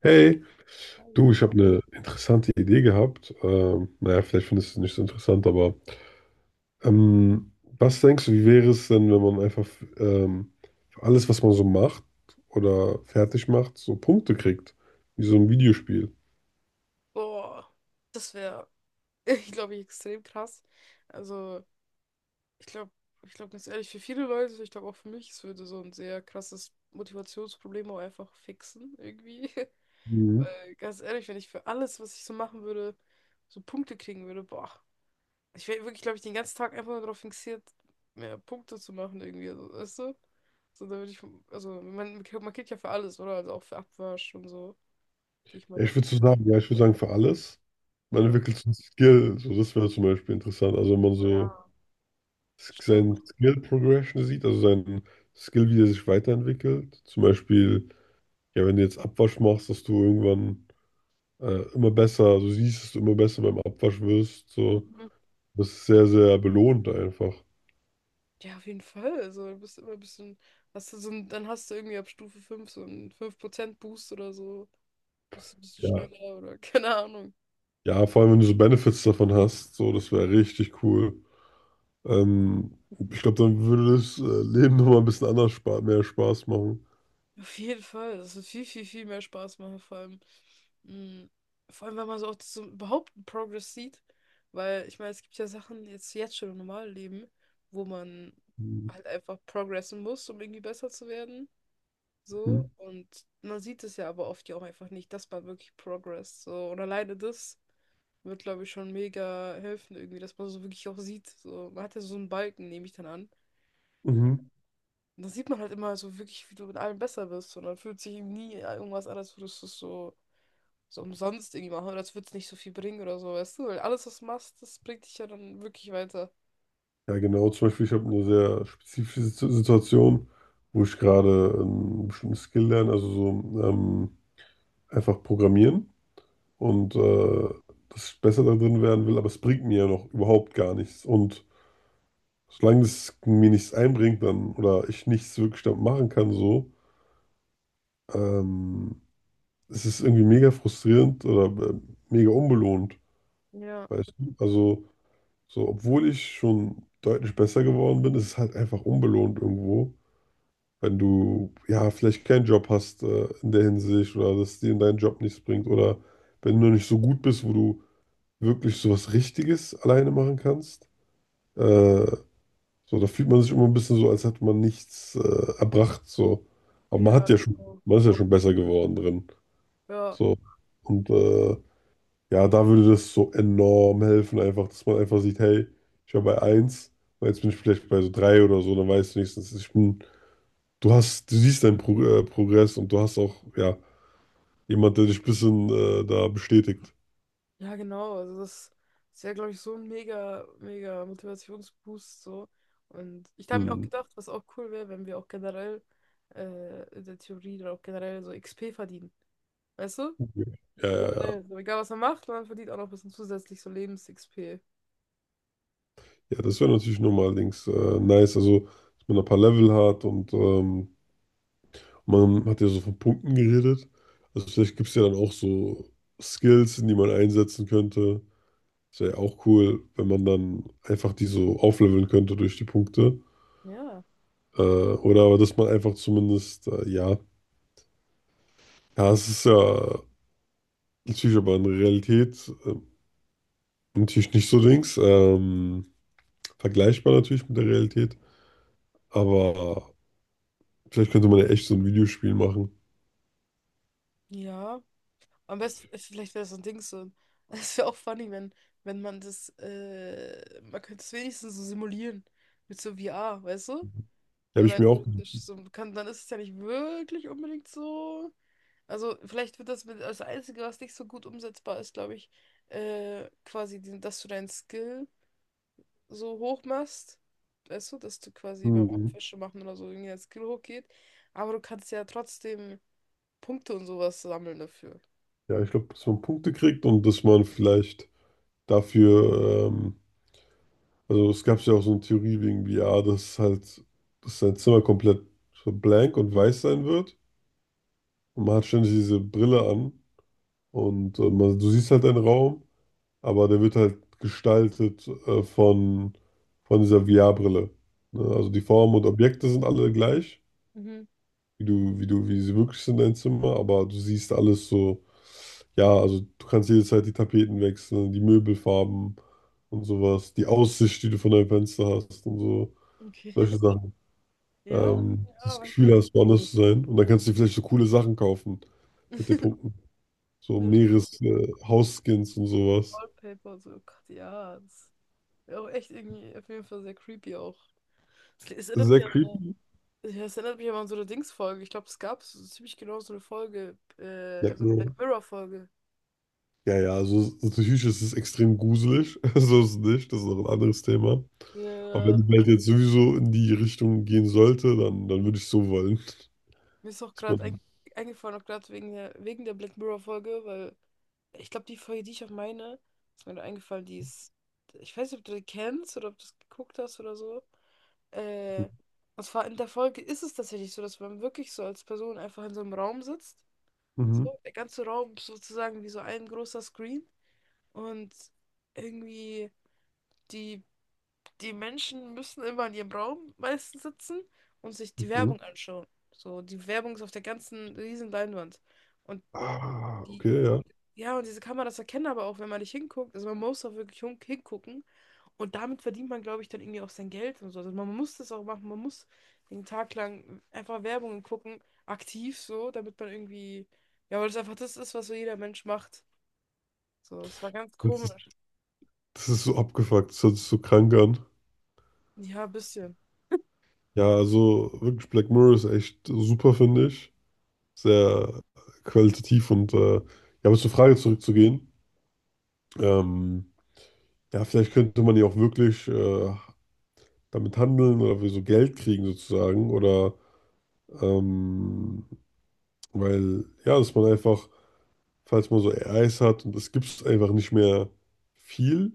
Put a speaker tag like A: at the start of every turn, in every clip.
A: Hey, du, ich habe eine interessante Idee gehabt. Naja, vielleicht findest du es nicht so interessant, aber ähm, was denkst du, wie wäre es denn, wenn man einfach ähm, für alles, was man so macht oder fertig macht, so Punkte kriegt, wie so ein Videospiel?
B: Boah, das wäre, ich glaube, extrem krass. Also, ich glaube, ich glaube ganz ehrlich, für viele Leute, ich glaube auch für mich, es würde so ein sehr krasses Motivationsproblem auch einfach fixen, irgendwie.
A: Mhm.
B: Weil, ganz ehrlich, wenn ich für alles, was ich so machen würde, so Punkte kriegen würde, boah. Ich wäre wirklich, glaube ich, den ganzen Tag einfach nur darauf fixiert, mehr Punkte zu machen, irgendwie, also, weißt du? So, da würde ich, also, man kriegt ja für alles, oder? Also auch für Abwasch und so, gehe ich mal
A: Ich
B: davon.
A: würde so sagen, ja, ich würde sagen, für alles. Man
B: Ja.
A: entwickelt so ein Skill, so das wäre zum Beispiel interessant. Also wenn man
B: Ja,
A: so
B: stimmt.
A: seinen Skill Progression sieht, also seinen Skill, wie der sich weiterentwickelt. Zum Beispiel, ja, wenn du jetzt Abwasch machst, dass du irgendwann immer besser, du siehst es immer besser beim Abwasch wirst. So.
B: Mhm.
A: Das ist sehr, sehr belohnt einfach.
B: Ja, auf jeden Fall. Also, du bist immer ein bisschen. Hast du so ein, dann hast du irgendwie ab Stufe 5 so einen 5% Boost oder so. Bist ein bisschen
A: Ja,
B: schneller oder keine Ahnung.
A: ja, vor allem, wenn du so Benefits davon hast, so, das wäre richtig cool. Ähm, Ich glaube, dann würde das Leben nochmal ein bisschen anders spa mehr Spaß machen.
B: Auf jeden Fall. Das wird viel, viel, viel mehr Spaß machen, vor allem. mm, Vor allem, wenn man so auch so überhaupt einen Progress sieht. Weil, ich meine, es gibt ja Sachen jetzt, jetzt schon im normalen Leben, wo man
A: Mhm.
B: halt einfach progressen muss, um irgendwie besser zu werden. So, und man sieht es ja aber oft ja auch einfach nicht. Das war wirklich Progress. So, und alleine das wird, glaube ich, schon mega helfen, irgendwie, dass man so wirklich auch sieht. So, man hat ja so einen Balken, nehme ich dann an.
A: Mhm.
B: Und dann sieht man halt immer so wirklich, wie du mit allem besser bist. Und dann fühlt sich eben nie irgendwas an, als würdest du es so, so umsonst irgendwie machen. Oder als würde es nicht so viel bringen oder so, weißt du? Weil alles, was du machst, das bringt dich ja dann wirklich weiter.
A: Ja, genau. Zum Beispiel, ich habe eine sehr spezifische Situation, wo ich gerade einen bestimmten Skill lerne, also so einfach programmieren. Und dass ich besser da drin werden will, aber es bringt mir ja noch überhaupt gar nichts. Und solange es mir nichts einbringt dann oder ich nichts wirklich damit machen kann, so, ähm, es ist irgendwie mega frustrierend oder mega unbelohnt,
B: Ja,
A: weißt du? Also, so, obwohl ich schon deutlich besser geworden bin, ist es halt einfach unbelohnt irgendwo. Wenn du ja vielleicht keinen Job hast in der Hinsicht oder dass dir dein Job nichts bringt oder wenn du noch nicht so gut bist, wo du wirklich so was Richtiges alleine machen kannst. Äh, so, da fühlt man sich immer ein bisschen so, als hätte man nichts erbracht. So. Aber man hat
B: ja,
A: ja schon,
B: genau.
A: man ist ja schon besser geworden drin.
B: Ja.
A: So. Und ja, da würde das so enorm helfen, einfach, dass man einfach sieht, hey, ich war bei eins, und jetzt bin ich vielleicht bei so 3 oder so, dann weißt du wenigstens, ich bin, du hast, du siehst deinen Progress und du hast auch, ja, jemand, der dich ein bisschen da bestätigt.
B: Ja, genau. Also das ist ja, glaube ich, so ein mega, mega Motivationsboost so. Und ich habe mir auch
A: Hm.
B: gedacht, was auch cool wäre, wenn wir auch generell in der Theorie oder auch generell so XP verdienen. Weißt du?
A: Ja, ja,
B: So
A: ja.
B: generell, so egal was man macht, man verdient auch noch ein bisschen zusätzlich so Lebens-XP.
A: Ja, das wäre natürlich nochmal links nice, also dass man ein paar Level hat und man hat ja so von Punkten geredet. Also vielleicht gibt es ja dann auch so Skills, die man einsetzen könnte. Das wäre ja auch cool, wenn man dann einfach die so aufleveln könnte durch die Punkte.
B: Ja.
A: Oder aber dass man einfach zumindest, ja, ja, es ist ja natürlich aber in der Realität natürlich nicht so links. Vergleichbar natürlich mit der Realität, aber vielleicht könnte man ja echt so ein Videospiel machen.
B: Ja. Am besten, vielleicht wäre das so ein Ding so. Es wäre auch funny, wenn, wenn man das, man könnte es wenigstens so simulieren. Mit so VR, weißt du?
A: Ja,
B: So
A: Habe ich
B: rein
A: mir auch.
B: theoretisch. So kann, dann ist es ja nicht wirklich unbedingt so. Also vielleicht wird das mit das Einzige, was nicht so gut umsetzbar ist, glaube ich, quasi, diesen- dass du deinen Skill so hoch machst. Weißt du, dass du quasi beim
A: Hm.
B: Fische machen oder so irgendwie dein Skill hochgeht. Aber du kannst ja trotzdem Punkte und sowas sammeln dafür.
A: Ja, ich glaube, dass man Punkte kriegt und dass man vielleicht dafür, also es gab ja auch so eine Theorie wegen VR, dass halt, dass sein Zimmer komplett so blank und weiß sein wird. Und man hat ständig diese Brille an und man, du siehst halt einen Raum, aber der wird halt gestaltet von dieser VR-Brille. Ne? Also die Formen und Objekte sind alle gleich,
B: Mhm.
A: wie du, wie sie wirklich sind, dein Zimmer, aber du siehst alles so, ja, also du kannst jederzeit die Tapeten wechseln, die Möbelfarben und sowas, die Aussicht, die du von deinem Fenster hast und so,
B: Okay.
A: solche Sachen.
B: Ja, ja,
A: Das
B: weiß ich
A: Gefühl
B: nicht.
A: hast, woanders zu sein. Und dann kannst du dir vielleicht so coole Sachen kaufen mit den Punkten. So
B: Mit
A: Meeres, Hausskins und sowas.
B: Wallpaper und so, oh Gott, ja. Das wäre auch echt irgendwie auf jeden Fall sehr creepy auch. Es erinnert
A: Sehr
B: mich an so
A: creepy.
B: Ja, das erinnert mich aber an so eine Dings-Folge. Ich glaube, es gab so ziemlich genau so eine Folge,
A: Merkt
B: so eine
A: man.
B: Black Mirror-Folge.
A: Ja, ja, also natürlich ist es extrem gruselig. So ist es nicht. Das ist noch ein anderes Thema. Aber wenn
B: Ja,
A: die Welt jetzt sowieso in die Richtung gehen sollte, dann, dann würde ich so wollen.
B: mir ist auch
A: Dass
B: gerade ein
A: man.
B: eingefallen, auch gerade wegen der Black Mirror-Folge, weil ich glaube, die Folge, die ich auch meine, ist mir da eingefallen, die ist, ich weiß nicht, ob du die kennst oder ob du es geguckt hast oder so. Äh, und zwar in der Folge ist es tatsächlich so, dass man wirklich so als Person einfach in so einem Raum sitzt. So,
A: Mhm.
B: der ganze Raum ist sozusagen wie so ein großer Screen. Und irgendwie die die Menschen müssen immer in ihrem Raum meistens sitzen und sich die
A: Okay.
B: Werbung anschauen. So, die Werbung ist auf der ganzen riesen Leinwand. Und
A: Ah,
B: die,
A: okay, ja.
B: ja, und diese Kameras erkennen aber auch, wenn man nicht hinguckt. Also man muss auch wirklich hin- hingucken. Und damit verdient man, glaube ich, dann irgendwie auch sein Geld und so. Also man muss das auch machen. Man muss den Tag lang einfach Werbung gucken, aktiv so, damit man irgendwie, ja, weil das einfach das ist, was so jeder Mensch macht. So, es war ganz
A: Das ist,
B: komisch.
A: das ist so abgefuckt. Das hört sich so krank an.
B: Ja, ein bisschen.
A: Ja, also wirklich Black Mirror ist echt super, finde ich. Sehr qualitativ und ja, aber zur Frage zurückzugehen. Ähm, ja, vielleicht könnte man ja auch wirklich damit handeln oder für so Geld kriegen sozusagen. Oder ähm, weil, ja, dass man einfach, falls man so AIs hat und es gibt einfach nicht mehr viel,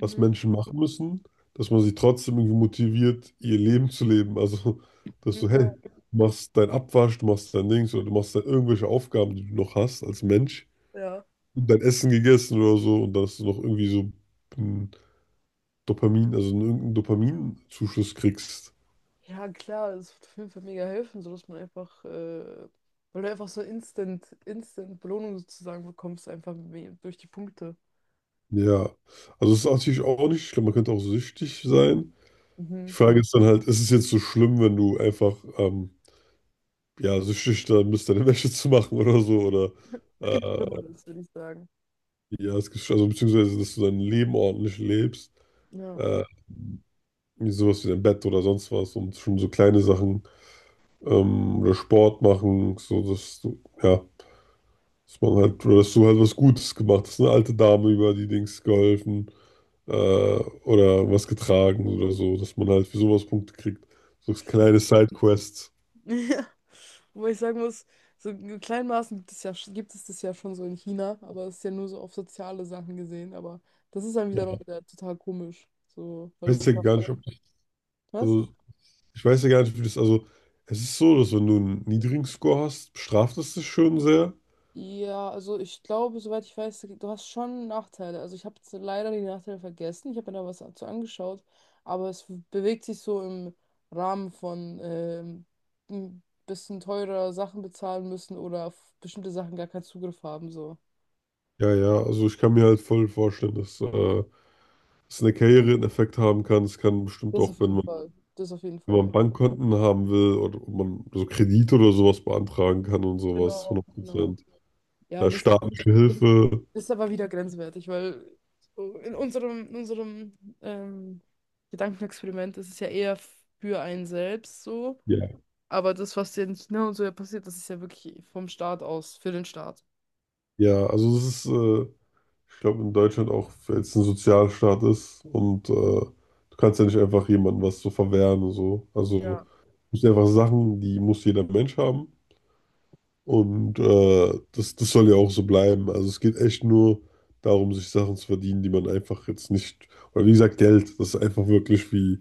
A: was Menschen machen müssen, dass man sie trotzdem irgendwie motiviert, ihr Leben zu leben. Also, dass du,
B: Ja,
A: hey, du machst dein Abwasch, du machst dein Dings oder du machst dann irgendwelche Aufgaben, die du noch hast als Mensch
B: ja.
A: und dein Essen gegessen oder so und dass du noch irgendwie so ein Dopamin, also einen- irgendeinen Dopaminzuschuss kriegst.
B: Ja, klar, es wird auf jeden Fall mega helfen, sodass man einfach, weil du einfach so instant Belohnung sozusagen bekommst, einfach me- durch die Punkte.
A: Ja, also es ist natürlich auch nicht schlimm, man könnte auch süchtig sein. Die
B: Mhm.
A: Frage ist dann halt, ist es jetzt so schlimm, wenn du einfach ja, süchtig dann bist, deine Wäsche zu machen oder so, oder
B: Es gibt
A: äh,
B: Schlimmeres, würde ich sagen.
A: ja, es gibt, also beziehungsweise, dass du dein Leben ordentlich lebst,
B: Ja.
A: äh, wie sowas wie dein Bett oder sonst was und schon so kleine Sachen oder Sport machen, so dass du, ja, dass man halt, oder dass du halt was Gutes gemacht hast, eine alte Dame über die Dings geholfen. äh, oder was getragen oder so, dass man halt für sowas Punkte kriegt. So kleine Sidequests.
B: Ja. Wobei ich sagen muss, so in kleinen Maßen gibt es ja, gibt es das ja schon so in China, aber es ist ja nur so auf soziale Sachen gesehen, aber das ist dann wiederum
A: Ja.
B: wieder total komisch. So,
A: Ich
B: weil das
A: weiß ja
B: ist auch
A: gar nicht,
B: eher.
A: ob, das,
B: Was?
A: also ich weiß ja gar nicht, wie das, also es ist so, dass wenn du einen niedrigen Score hast, bestraft es dich schon sehr.
B: Ja, also ich glaube, soweit ich weiß, du hast schon Nachteile. Also ich habe jetzt leider die Nachteile vergessen. Ich habe mir da was dazu angeschaut, aber es bewegt sich so im Rahmen von ein bisschen teurer Sachen bezahlen müssen oder auf bestimmte Sachen gar keinen Zugriff haben. So.
A: Ja, ja, also ich kann mir halt voll vorstellen, dass es in Karriere einen Effekt haben kann. Es kann bestimmt
B: Das
A: auch,
B: auf
A: wenn
B: jeden
A: man,
B: Fall. Das auf jeden
A: wenn
B: Fall, ja.
A: man Bankkonten haben will oder ob man so Kredite oder sowas beantragen kann und sowas,
B: Genau, genau.
A: 100%.
B: Ja,
A: Ja,
B: und das, das
A: staatliche Hilfe.
B: ist aber wieder grenzwertig, weil so in unserem Gedankenexperiment ist es ja eher für einen selbst so.
A: Ja,
B: Aber das, was jetzt ne und so ja passiert, das ist ja wirklich vom Staat aus, für den Staat.
A: ja, also es ist, ich glaube, in Deutschland auch, weil es ein Sozialstaat ist und du kannst ja nicht einfach jemandem was so verwehren und so. Also
B: Ja.
A: es sind einfach Sachen, die muss jeder Mensch haben und das soll ja auch so bleiben. Also es geht echt nur darum, sich Sachen zu verdienen, die man einfach jetzt nicht, oder wie gesagt, Geld, das ist einfach wirklich wie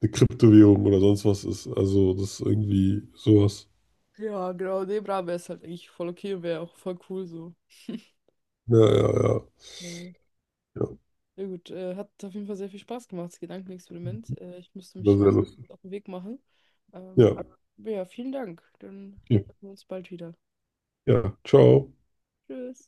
A: eine Kryptowährung oder sonst was ist. Also das ist irgendwie sowas.
B: Ja, genau, nee, bra, wäre es halt eigentlich voll okay und wäre auch voll cool so.
A: Ja, ja, ja,
B: Ja,
A: ja.
B: ja gut, hat auf jeden Fall sehr viel Spaß gemacht, das Gedankenexperiment. Ich müsste mich
A: Sehr,
B: lang
A: lustig.
B: auf den Weg machen. Ähm,
A: Ja,
B: ja, vielen Dank. Dann
A: okay.
B: sehen wir uns bald wieder.
A: Ja, ciao.
B: Tschüss.